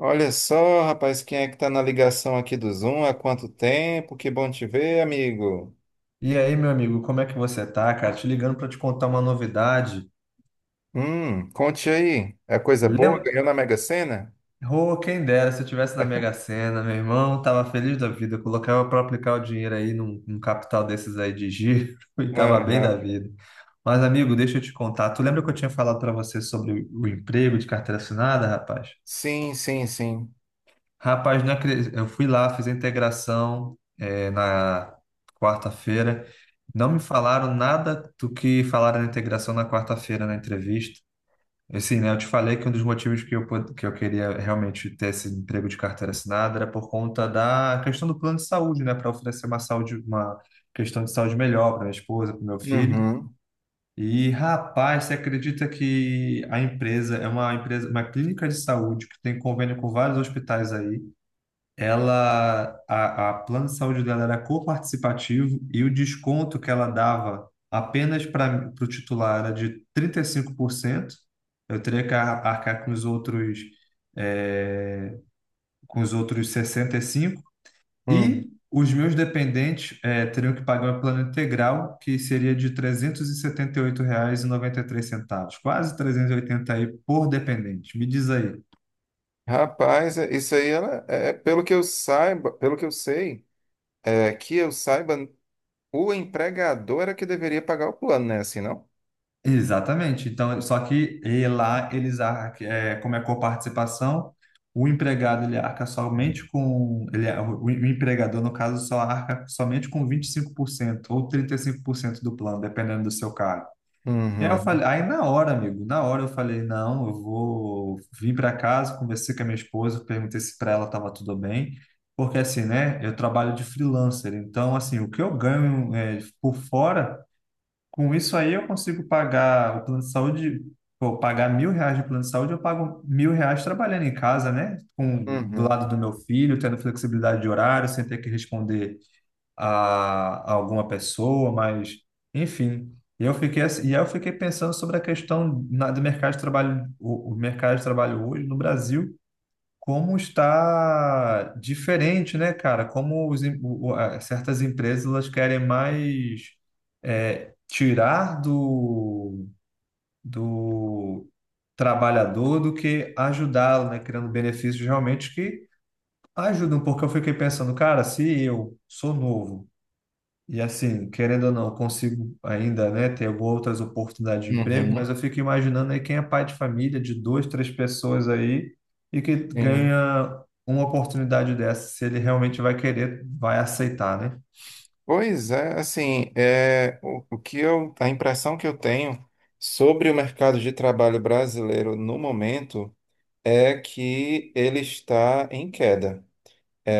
Olha só, rapaz, quem é que tá na ligação aqui do Zoom? Há quanto tempo? Que bom te ver, amigo. E aí, meu amigo, como é que você tá, cara? Te ligando para te contar uma novidade. Conte aí. É coisa boa? Lem... Ganhou na Mega Sena? Oh, quem dera se eu tivesse na Mega Sena, meu irmão, tava feliz da vida, colocava para aplicar o dinheiro aí num capital desses aí de giro e tava bem da Aham. vida. Mas, amigo, deixa eu te contar. Tu lembra que eu tinha falado para você sobre o emprego de carteira assinada, rapaz? Sim, sim, sim. Rapaz, não acre- eu fui lá, fiz a integração na quarta-feira. Não me falaram nada do que falaram na integração na quarta-feira na entrevista. Assim, né, eu te falei que um dos motivos que eu queria realmente ter esse emprego de carteira assinada era por conta da questão do plano de saúde, né, para oferecer uma saúde, uma questão de saúde melhor para minha esposa, para o meu filho. Uhum. E, rapaz, você acredita que a empresa é uma empresa, uma clínica de saúde que tem convênio com vários hospitais aí ela a plano de saúde dela era coparticipativo e o desconto que ela dava apenas para o titular era de 35%. Eu teria que arcar com os outros eh, 65%. Hum. E os meus dependentes teriam que pagar um plano integral que seria de trezentos e setenta oito reais e noventa e três centavos, quase 380 aí por dependente. Me diz aí. Rapaz, isso aí ela, pelo que eu saiba, pelo que eu sei, é que eu saiba, o empregador era que deveria pagar o plano, né? Assim, não? Exatamente. Então, só que lá eles arcam, como é coparticipação, o empregado ele arca somente com, ele, o empregador, no caso, só arca somente com 25% ou 35% do plano, dependendo do seu cargo. E aí eu Uhum. falei, aí na hora, amigo, na hora eu falei, não, eu vou vir para casa, conversei com a minha esposa, perguntei se para ela estava tudo bem, porque assim, né, eu trabalho de freelancer, então assim, o que eu ganho é, por fora, com isso aí eu consigo pagar o plano de saúde, pô, pagar R$ 1.000 de plano de saúde, eu pago R$ 1.000 trabalhando em casa, né? Com, do Uhum. lado do meu filho, tendo flexibilidade de horário, sem ter que responder a, a alguma pessoa, mas enfim. E aí eu fiquei pensando sobre a questão do mercado de trabalho, o mercado de trabalho hoje no Brasil como está diferente, né, cara? Como os em- o- a- certas empresas elas querem mais, tirar do trabalhador do que ajudá-lo, né? Criando benefícios realmente que ajudam, porque eu fiquei pensando, cara, se eu sou novo e assim, querendo ou não, eu consigo ainda, né, ter outras oportunidades de emprego, Uhum. mas eu fico imaginando aí quem é pai de família de duas, três pessoas aí e que Sim. ganha uma oportunidade dessa, se ele realmente vai querer, vai aceitar, né? Pois é, assim, o que eu, a impressão que eu tenho sobre o mercado de trabalho brasileiro no momento é que ele está em queda.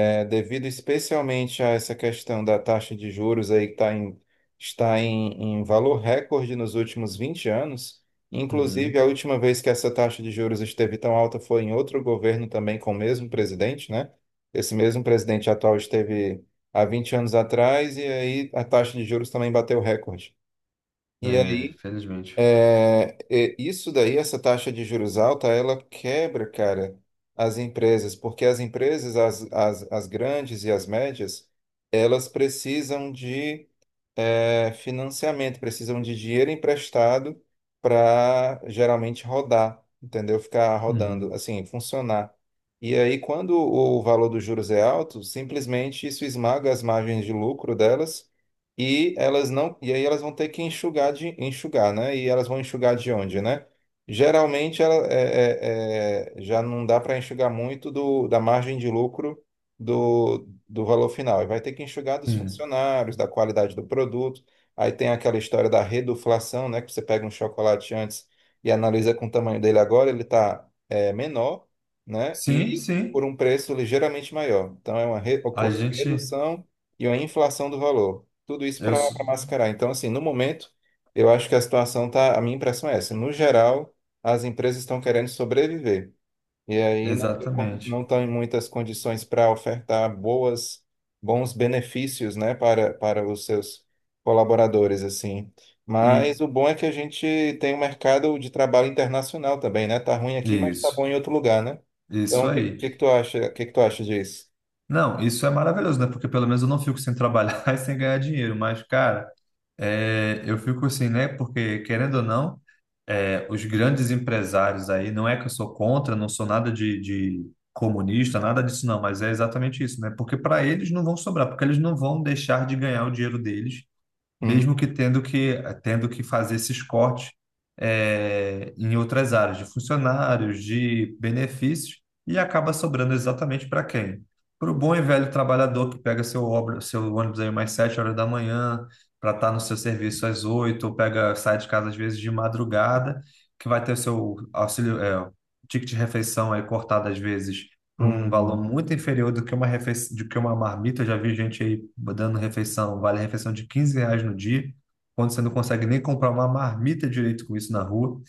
É, devido especialmente a essa questão da taxa de juros aí que tá em, está em valor recorde nos últimos 20 anos, inclusive a Uhum. última vez que essa taxa de juros esteve tão alta foi em outro governo também com o mesmo presidente, né? Esse mesmo presidente atual esteve há 20 anos atrás e aí a taxa de juros também bateu recorde. E É, aí felizmente. Isso daí, essa taxa de juros alta, ela quebra, cara, as empresas, porque as empresas, as grandes e as médias, elas precisam de financiamento, precisam de dinheiro emprestado para geralmente rodar, entendeu? Ficar rodando, Uhum. assim, funcionar. E aí, quando o valor dos juros é alto, simplesmente isso esmaga as margens de lucro delas e elas não, e aí elas vão ter que enxugar de enxugar, né? E elas vão enxugar de onde, né? Geralmente ela, já não dá para enxugar muito do, da margem de lucro do valor final. E vai ter que enxugar dos Hum. funcionários, da qualidade do produto. Aí tem aquela história da reduflação, né? Que você pega um chocolate antes e analisa com o tamanho dele agora, ele está menor, né? Sim, E por sim. um preço ligeiramente maior. Então é uma A ocorreu uma gente, redução e uma inflação do valor. Tudo isso eu, para sou- mascarar. Então, assim, no momento, eu acho que a situação tá, a minha impressão é essa. No geral, as empresas estão querendo sobreviver. E aí não tem exatamente. não estão em muitas condições para ofertar boas, bons benefícios, né, para, para os seus colaboradores, assim. Mas E o bom é que a gente tem um mercado de trabalho internacional também, né? Tá ruim aqui, mas tá bom isso, em outro lugar, né? Então, isso o que, aí. que tu acha, que tu acha disso? Não, isso é maravilhoso, né? Porque pelo menos eu não fico sem trabalhar e sem ganhar dinheiro, mas, cara. É, eu fico assim, né? Porque, querendo ou não, os grandes empresários aí, não é que eu sou contra, não sou nada de comunista, nada disso não, mas é exatamente isso, né? Porque para eles não vão sobrar, porque eles não vão deixar de ganhar o dinheiro deles Hum, mesmo que tendo que fazer esses cortes, em outras áreas de funcionários, de benefícios, e acaba sobrando exatamente para quem? Para o bom e velho trabalhador que pega seu ônibus aí mais 7 horas da manhã para estar no seu serviço às 8, ou pega, sai de casa às vezes de madrugada, que vai ter o seu auxílio, ticket de refeição aí cortado às vezes por um valor uhum. muito inferior do que uma refeição, do que uma marmita. Eu já vi gente aí dando refeição, vale refeição de R$ 15 no dia, quando você não consegue nem comprar uma marmita direito com isso na rua.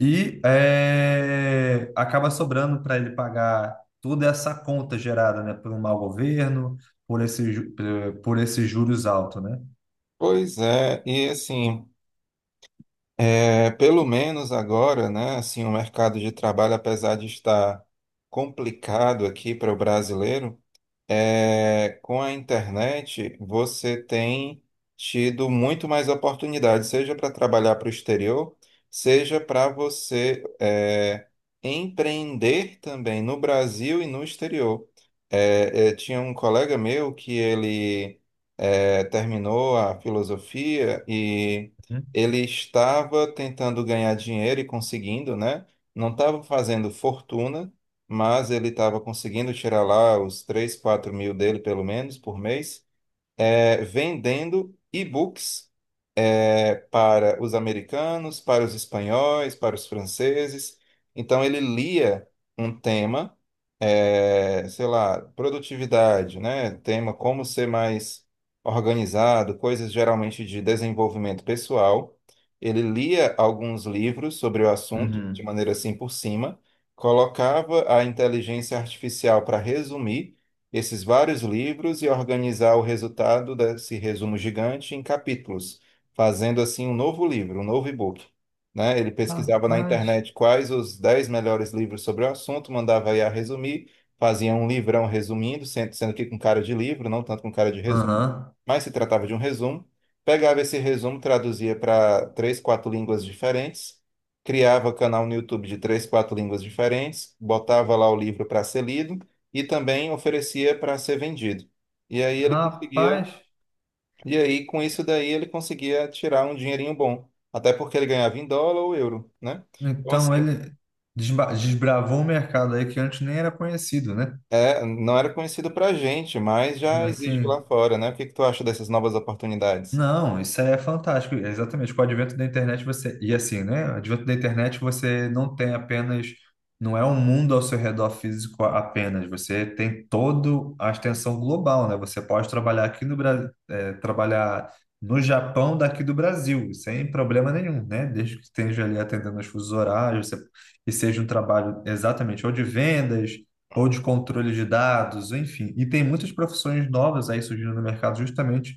E acaba sobrando para ele pagar toda essa conta gerada, né, por um mau governo, por esse, ju- por esses juros altos, né? Pois é, e assim, pelo menos agora, né, assim, o mercado de trabalho, apesar de estar complicado aqui para o brasileiro, é, com a internet, você tem tido muito mais oportunidades, seja para trabalhar para o exterior, seja para você empreender também no Brasil e no exterior. Tinha um colega meu que ele terminou a filosofia e Uhum. ele estava tentando ganhar dinheiro e conseguindo, né? Não estava fazendo fortuna mas ele estava conseguindo tirar lá os 3, 4 mil dele, pelo menos, por mês, vendendo e-books para os americanos, para os espanhóis, para os franceses. Então, ele lia um tema, sei lá, produtividade, né? Tema como ser mais organizado, coisas geralmente de desenvolvimento pessoal. Ele lia alguns livros sobre o assunto, de Uhum. maneira assim por cima, colocava a inteligência artificial para resumir esses vários livros e organizar o resultado desse resumo gigante em capítulos fazendo assim um novo livro, um novo e-book, né? Ele pesquisava na Rapaz. internet quais os 10 melhores livros sobre o assunto, mandava I a resumir, fazia um livrão resumindo, sendo, sendo que com cara de livro, não tanto com cara de resumo, Aham. mas se tratava de um resumo. Pegava esse resumo, traduzia para três, quatro línguas diferentes, criava canal no YouTube de três, quatro línguas diferentes, botava lá o livro para ser lido e também oferecia para ser vendido. E aí ele conseguia Rapaz. e aí, com isso daí, ele conseguia tirar um dinheirinho bom. Até porque ele ganhava em dólar ou euro, né? Então, Então assim, ele desbravou um mercado aí que antes nem era conhecido, né? é, não era conhecido pra gente, mas já existe Assim, lá fora, né? O que que tu acha dessas novas oportunidades? não, isso é fantástico. É, exatamente. Com o advento da internet você. E assim, né? O advento da internet você não tem apenas. Não é um mundo ao seu redor físico apenas. Você tem toda a extensão global, né? Você pode trabalhar aqui no Brasil, trabalhar no Japão daqui do Brasil, sem problema nenhum, né? Desde que esteja ali atendendo os fusos horários, e seja um trabalho exatamente ou de vendas, ou de controle de dados, enfim. E tem muitas profissões novas aí surgindo no mercado justamente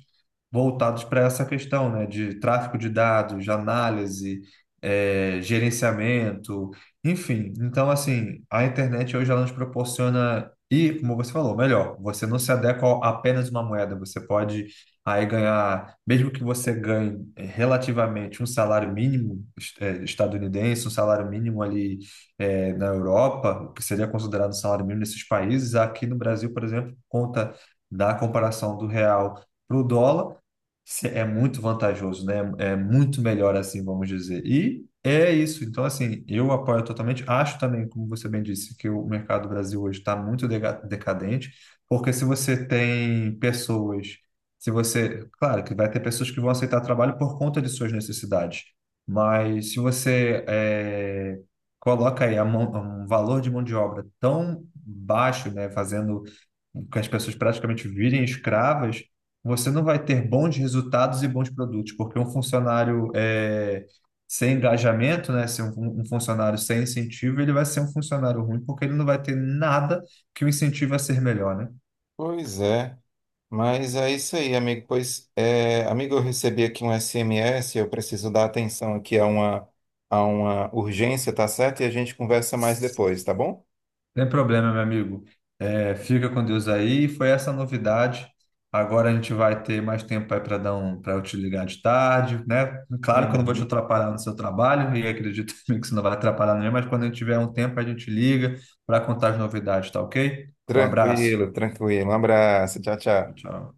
voltados para essa questão, né, de tráfego de dados, de análise, gerenciamento, enfim. Então, assim, a internet hoje ela nos proporciona, e como você falou, melhor, você não se adequa a apenas uma moeda, você pode aí ganhar, mesmo que você ganhe relativamente um salário mínimo estadunidense, um salário mínimo ali na Europa, o que seria considerado um salário mínimo nesses países, aqui no Brasil, por exemplo, por conta da comparação do real para o dólar, é muito vantajoso, né? É muito melhor assim, vamos dizer. E é isso. Então, assim, eu apoio totalmente. Acho também, como você bem disse, que o mercado do Brasil hoje está muito decadente, porque se você tem pessoas, se você, claro, que vai ter pessoas que vão aceitar trabalho por conta de suas necessidades, mas se você coloca aí um valor de mão de obra tão baixo, né, fazendo que as pessoas praticamente virem escravas, você não vai ter bons resultados e bons produtos, porque um funcionário sem engajamento, né, ser um funcionário sem incentivo, ele vai ser um funcionário ruim, porque ele não vai ter nada que o incentive a ser melhor, né? Pois é. Mas é isso aí, amigo. Pois, é, amigo, eu recebi aqui um SMS, eu preciso dar atenção aqui a uma urgência, tá certo? E a gente conversa mais depois, tá bom? Tem problema, meu amigo. É, fica com Deus aí. Foi essa a novidade. Agora a gente vai ter mais tempo aí para eu te ligar de tarde, né? Claro que eu não vou te Uhum. atrapalhar no seu trabalho e acredito também que você não vai atrapalhar ninguém, mas quando a gente tiver um tempo a gente liga para contar as novidades, tá ok? Um abraço. Tranquilo, tranquilo. Um abraço. Tchau, tchau. Tchau.